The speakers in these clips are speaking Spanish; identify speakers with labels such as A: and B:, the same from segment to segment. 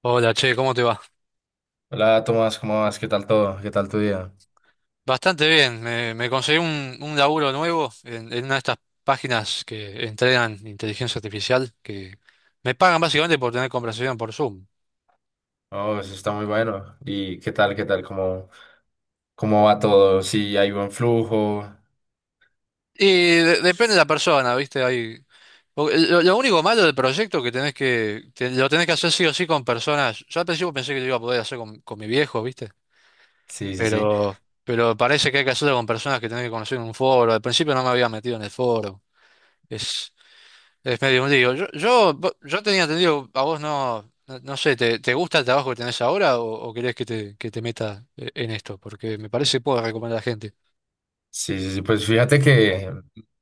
A: Hola, che, ¿cómo te va?
B: Hola Tomás, ¿cómo vas? ¿Qué tal todo? ¿Qué tal tu día?
A: Bastante bien, me conseguí un laburo nuevo en una de estas páginas que entrenan inteligencia artificial, que me pagan básicamente por tener conversación por Zoom.
B: Oh, eso está muy bueno. ¿Y qué tal? ¿Qué tal? ¿Cómo va todo? ¿Sí hay buen flujo?
A: Y depende de la persona, ¿viste? Lo único malo del proyecto que tenés lo tenés que hacer sí o sí con personas. Yo al principio pensé que lo iba a poder hacer con mi viejo, ¿viste?
B: Sí, sí, sí.
A: Pero, pero parece que hay que hacerlo con personas que tenés que conocer en un foro. Al principio no me había metido en el foro. Es medio un lío. Yo tenía entendido, a vos no sé, ¿te gusta el trabajo que tenés ahora o querés que te meta en esto? Porque me parece que puedo recomendar a la gente.
B: Sí, sí, sí. Pues fíjate que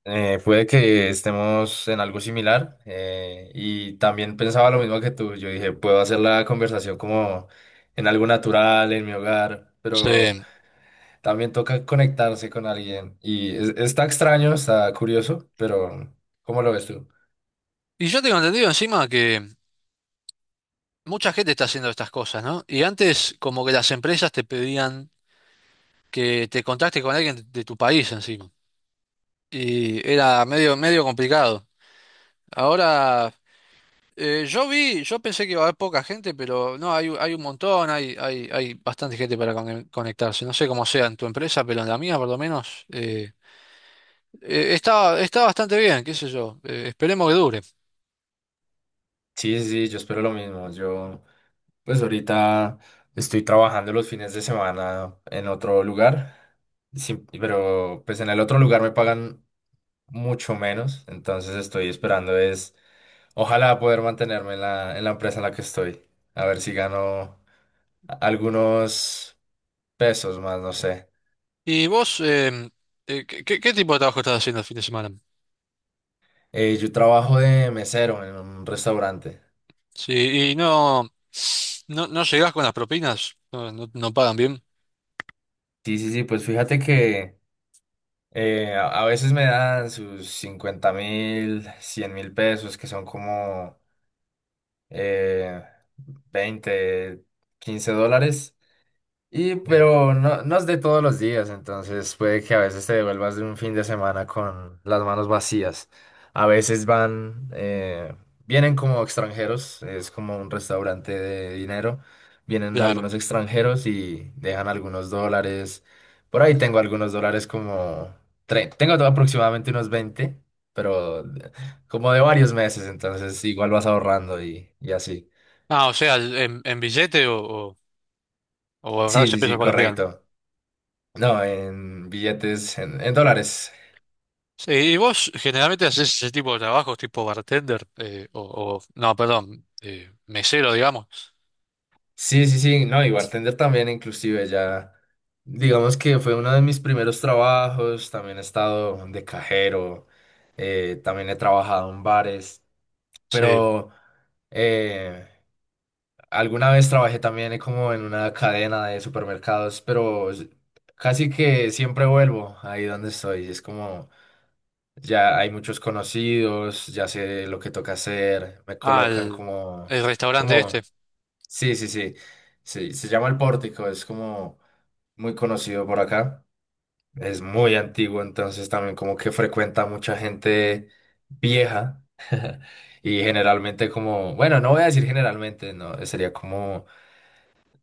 B: puede que estemos en algo similar y también pensaba lo mismo que tú. Yo dije, puedo hacer la conversación como en algo natural, en mi hogar, pero
A: Sí.
B: también toca conectarse con alguien y está extraño, está curioso, pero ¿cómo lo ves tú?
A: Y yo tengo entendido encima que mucha gente está haciendo estas cosas, ¿no? Y antes como que las empresas te pedían que te contactes con alguien de tu país encima. Y era medio, medio complicado. Ahora. Yo pensé que iba a haber poca gente, pero no, hay un montón, hay bastante gente para conectarse. No sé cómo sea en tu empresa, pero en la mía por lo menos está bastante bien, qué sé yo. Esperemos que dure.
B: Sí, sí, sí, yo espero lo mismo. Yo, pues ahorita estoy trabajando los fines de semana en otro lugar, sí pero pues en el otro lugar me pagan mucho menos, entonces estoy esperando es, ojalá poder mantenerme en la empresa en la que estoy, a ver si gano algunos pesos más, no sé.
A: ¿Y vos, qué tipo de trabajo estás haciendo el fin de semana?
B: Yo trabajo de mesero en un restaurante.
A: Sí, y no llegás con las propinas, no pagan bien.
B: Sí, sí, sí, pues fíjate que… a veces me dan sus 50.000, 100.000 pesos, que son como eh, 20, 15 dólares. Y
A: Eh,
B: pero no, no es de todos los días, entonces puede que a veces te devuelvas de un fin de semana con las manos vacías. A veces van, vienen como extranjeros, es como un restaurante de dinero. Vienen
A: claro.
B: algunos extranjeros y dejan algunos dólares. Por ahí tengo algunos dólares como… Tengo aproximadamente unos 20 pero como de varios meses, entonces igual vas ahorrando y así.
A: Ah, o sea, en billete o, o
B: Sí,
A: ahorrarse
B: sí,
A: pesos
B: sí,
A: colombianos.
B: correcto. No, en billetes, en dólares.
A: Sí, ¿y vos generalmente haces ese tipo de trabajos tipo bartender? No, perdón, mesero, digamos.
B: Sí, sí, sí, no, y bartender también, inclusive ya, digamos que fue uno de mis primeros trabajos, también he estado de cajero, también he trabajado en bares,
A: Sí.
B: pero eh, alguna vez trabajé también como en una cadena de supermercados, pero casi que siempre vuelvo ahí donde estoy, es como… Ya hay muchos conocidos, ya sé lo que toca hacer, me colocan
A: Al el restaurante este.
B: como, Sí, sí, sí. Sí, se llama El Pórtico, es como muy conocido por acá. Es muy antiguo, entonces también como que frecuenta mucha gente vieja y generalmente como, bueno, no voy a decir generalmente, no, sería como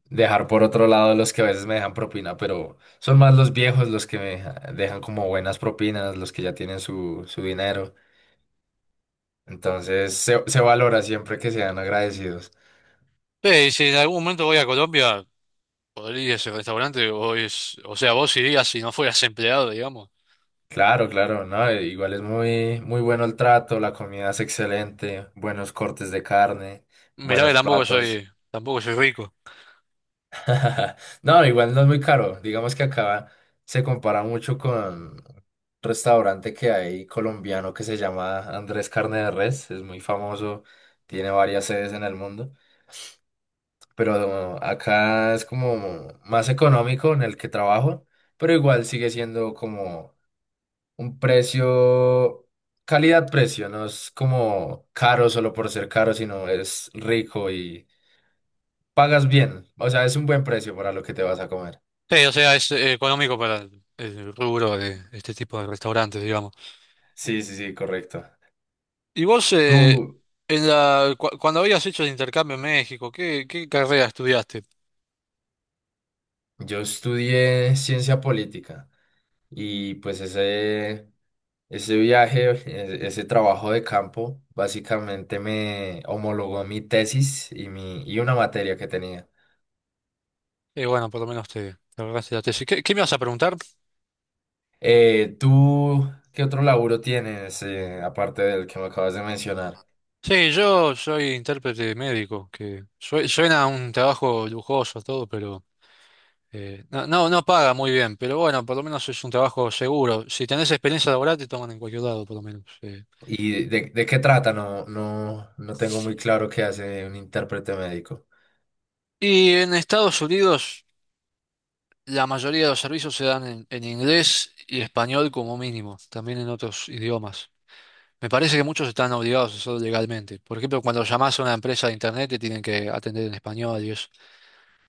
B: dejar por otro lado los que a veces me dejan propina, pero son más los viejos los que me dejan como buenas propinas, los que ya tienen su dinero. Entonces se valora siempre que sean agradecidos.
A: Sí, si en algún momento voy a Colombia, podría ir a ese restaurante. O sea, vos irías si no fueras empleado, digamos.
B: Claro, claro, no, igual es muy, muy bueno el trato, la comida es excelente, buenos cortes de carne,
A: Mirá que
B: buenos
A: tampoco soy,
B: platos.
A: tampoco soy rico.
B: No, igual no es muy caro. Digamos que acá se compara mucho con un restaurante que hay colombiano que se llama Andrés Carne de Res, es muy famoso, tiene varias sedes en el mundo, pero acá es como más económico en el que trabajo, pero igual sigue siendo como un precio, calidad-precio, no es como caro solo por ser caro, sino es rico y pagas bien. O sea, es un buen precio para lo que te vas a comer.
A: Sí, o sea, es económico para el rubro de este tipo de restaurantes, digamos.
B: Sí, sí, sí, correcto.
A: ¿Y vos,
B: Tú,
A: cuando habías hecho el intercambio en México, qué carrera estudiaste?
B: yo estudié ciencia política y pues ese viaje, ese trabajo de campo, básicamente me homologó mi tesis y, mi, y una materia que tenía.
A: Y bueno, por lo menos te, te ahorraste la tesis. ¿Qué me vas a preguntar?
B: ¿Tú qué otro laburo tienes, aparte del que me acabas de mencionar?
A: Sí, yo soy intérprete médico, que suena a un trabajo lujoso todo, pero no paga muy bien, pero bueno, por lo menos es un trabajo seguro. Si tenés experiencia laboral, te toman en cualquier lado, por lo menos.
B: ¿Y de qué trata? No, no, no tengo muy claro qué hace un intérprete médico.
A: Y en Estados Unidos, la mayoría de los servicios se dan en inglés y español como mínimo, también en otros idiomas. Me parece que muchos están obligados a hacerlo legalmente. Por ejemplo, cuando llamás a una empresa de internet, te tienen que atender en español y eso.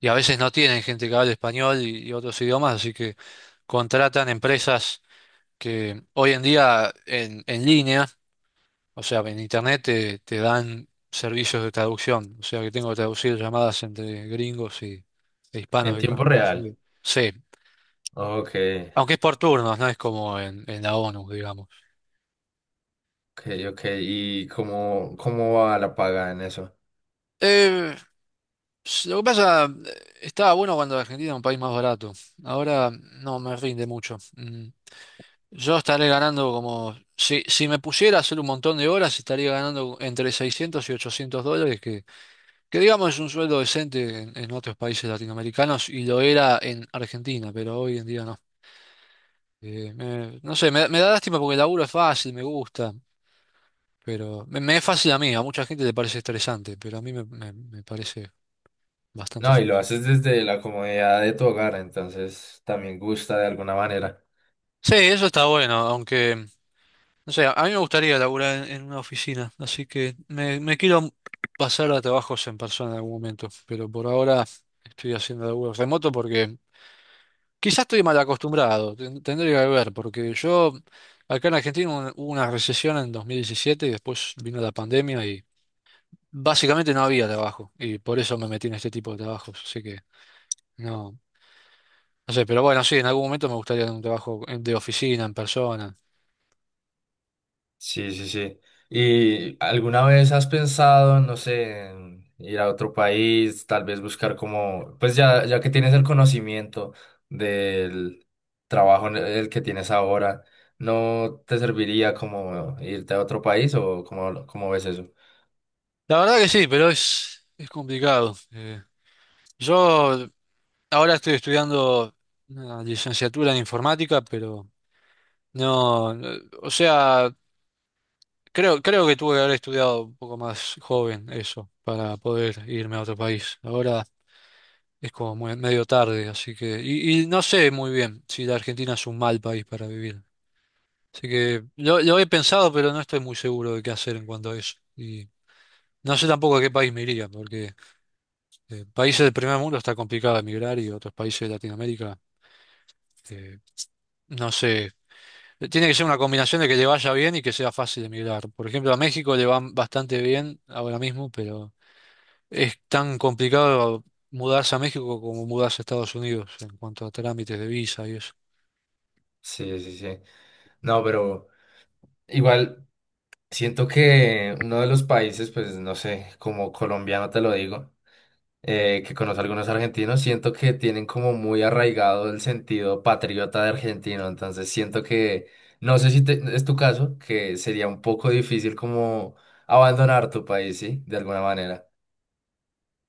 A: Y a veces no tienen gente que hable español y otros idiomas, así que contratan empresas que hoy en día en línea, o sea, en internet te, te dan servicios de traducción, o sea que tengo que traducir llamadas entre gringos e hispanos
B: En
A: que van a
B: tiempo
A: Estados
B: real.
A: Unidos. Sí,
B: Ok,
A: aunque es por turnos, no es como en la ONU, digamos.
B: ok, ok. ¿Y cómo va la paga en eso?
A: Eh, lo que pasa, estaba bueno cuando Argentina era un país más barato, ahora no me rinde mucho. Mm. Yo estaré ganando como, si me pusiera a hacer un montón de horas, estaría ganando entre 600 y 800 dólares, que digamos es un sueldo decente en otros países latinoamericanos y lo era en Argentina, pero hoy en día no. No sé, me da lástima porque el laburo es fácil, me gusta, pero me es fácil a mí, a mucha gente le parece estresante, pero a mí me parece bastante
B: No, y lo
A: fácil.
B: haces desde la comodidad de tu hogar, entonces también gusta de alguna manera.
A: Sí, eso está bueno, aunque. No sé, a mí me gustaría laburar en una oficina, así que me quiero pasar a trabajos en persona en algún momento, pero por ahora estoy haciendo laburo remoto porque quizás estoy mal acostumbrado, tendría que ver, porque yo acá en Argentina hubo una recesión en 2017 y después vino la pandemia y básicamente no había trabajo y por eso me metí en este tipo de trabajos, así que no, no sé, pero bueno, sí, en algún momento me gustaría un trabajo de oficina, en persona.
B: Sí, sí, sí. ¿Y alguna vez has pensado, no sé, en ir a otro país, tal vez buscar como, pues ya, ya que tienes el conocimiento del trabajo en el que tienes ahora, ¿no te serviría como irte a otro país o cómo, cómo ves eso?
A: La verdad que sí, pero es complicado. Yo Ahora estoy estudiando una licenciatura en informática, pero no, no, o sea, creo que tuve que haber estudiado un poco más joven eso para poder irme a otro país. Ahora es como medio tarde, así que, y no sé muy bien si la Argentina es un mal país para vivir. Así que lo he pensado, pero no estoy muy seguro de qué hacer en cuanto a eso. Y no sé tampoco a qué país me iría, porque países del primer mundo está complicado emigrar y otros países de Latinoamérica, eh, no sé. Tiene que ser una combinación de que le vaya bien y que sea fácil emigrar. Por ejemplo, a México le va bastante bien ahora mismo, pero es tan complicado mudarse a México como mudarse a Estados Unidos en cuanto a trámites de visa y eso.
B: Sí, sí, sí. No, pero igual siento que uno de los países, pues no sé, como colombiano te lo digo. Eh, que conozco algunos argentinos, siento que tienen como muy arraigado el sentido patriota de argentino, entonces siento que, no sé si es tu caso, que sería un poco difícil como abandonar tu país, ¿sí? De alguna manera.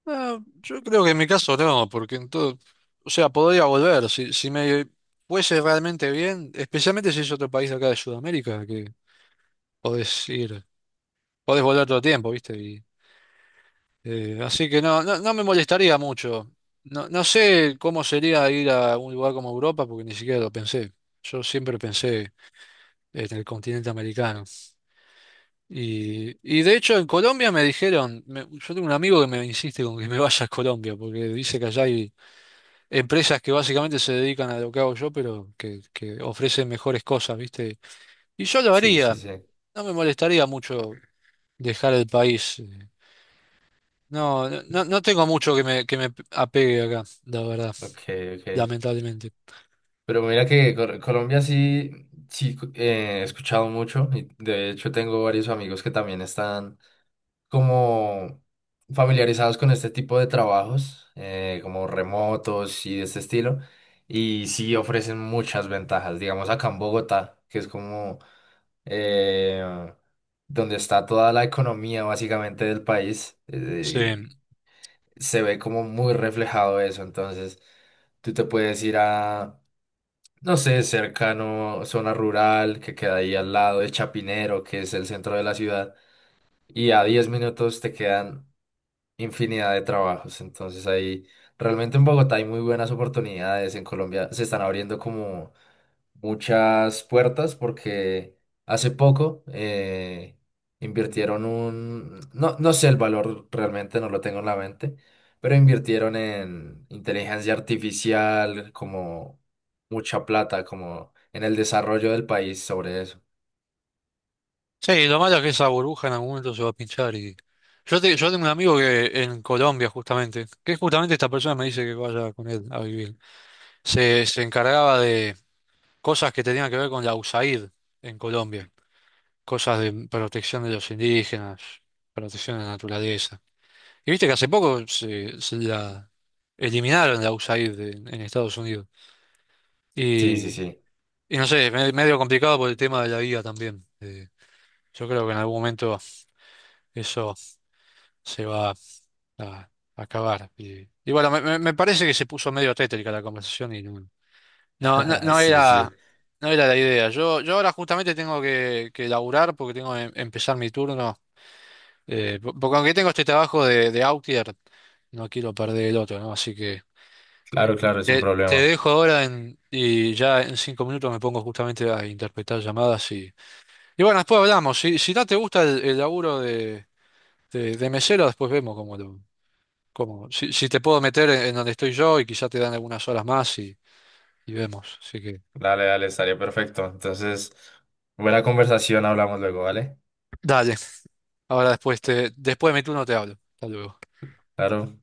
A: No, yo creo que en mi caso no, porque en todo, o sea, podría volver. Si me fuese realmente bien, especialmente si es otro país de acá de Sudamérica, que podés ir, podés volver todo el tiempo, ¿viste? Así que no me molestaría mucho. No, no sé cómo sería ir a un lugar como Europa, porque ni siquiera lo pensé. Yo siempre pensé en el continente americano. Y de hecho en Colombia me dijeron, yo tengo un amigo que me insiste con que me vaya a Colombia, porque dice que allá hay empresas que básicamente se dedican a lo que hago yo, pero que ofrecen mejores cosas, ¿viste? Y yo lo
B: Sí,
A: haría,
B: sí, sí.
A: no me molestaría mucho dejar el país. No tengo mucho que me apegue acá, la verdad.
B: Ok, ok.
A: Lamentablemente.
B: Pero mira que Colombia sí, sí, he escuchado mucho y de hecho tengo varios amigos que también están como familiarizados con este tipo de trabajos, como remotos y de este estilo, y sí ofrecen muchas ventajas. Digamos acá en Bogotá, que es como eh, donde está toda la economía básicamente del país,
A: Sí.
B: se ve como muy reflejado eso. Entonces, tú te puedes ir a… No sé, cercano, zona rural que queda ahí al lado de Chapinero, que es el centro de la ciudad, y a 10 minutos te quedan infinidad de trabajos. Entonces ahí realmente en Bogotá hay muy buenas oportunidades. En Colombia se están abriendo como muchas puertas porque hace poco invirtieron un, no, no sé el valor realmente, no lo tengo en la mente, pero invirtieron en inteligencia artificial como mucha plata, como en el desarrollo del país sobre eso.
A: Sí, lo malo es que esa burbuja en algún momento se va a pinchar. Y... Yo tengo un amigo que en Colombia justamente, que justamente esta persona me dice que vaya con él a vivir, se encargaba de cosas que tenían que ver con la USAID en Colombia, cosas de protección de los indígenas, protección de la naturaleza. Y viste que hace poco se la eliminaron la USAID en Estados Unidos.
B: Sí,
A: Y,
B: sí, sí.
A: y no sé, medio complicado por el tema de la vida también. Yo creo que en algún momento eso se va a acabar. Y bueno, me parece que se puso medio tétrica la conversación y no, no, no
B: Sí,
A: era,
B: sí.
A: no era la idea. Yo ahora justamente tengo que laburar porque tengo que empezar mi turno. Porque aunque tengo este trabajo de outlier, no quiero perder el otro, ¿no? Así que
B: Claro, claro, es un
A: te, te
B: problema.
A: dejo ahora y ya en 5 minutos me pongo justamente a interpretar llamadas y bueno, después hablamos. Si no te gusta el laburo de mesero, después vemos como si te puedo meter en donde estoy yo y quizá te dan algunas horas más y vemos. Así que
B: Dale, dale, estaría perfecto. Entonces, buena conversación, hablamos luego, ¿vale?
A: dale. Ahora después de mi turno te hablo. Hasta luego.
B: Claro.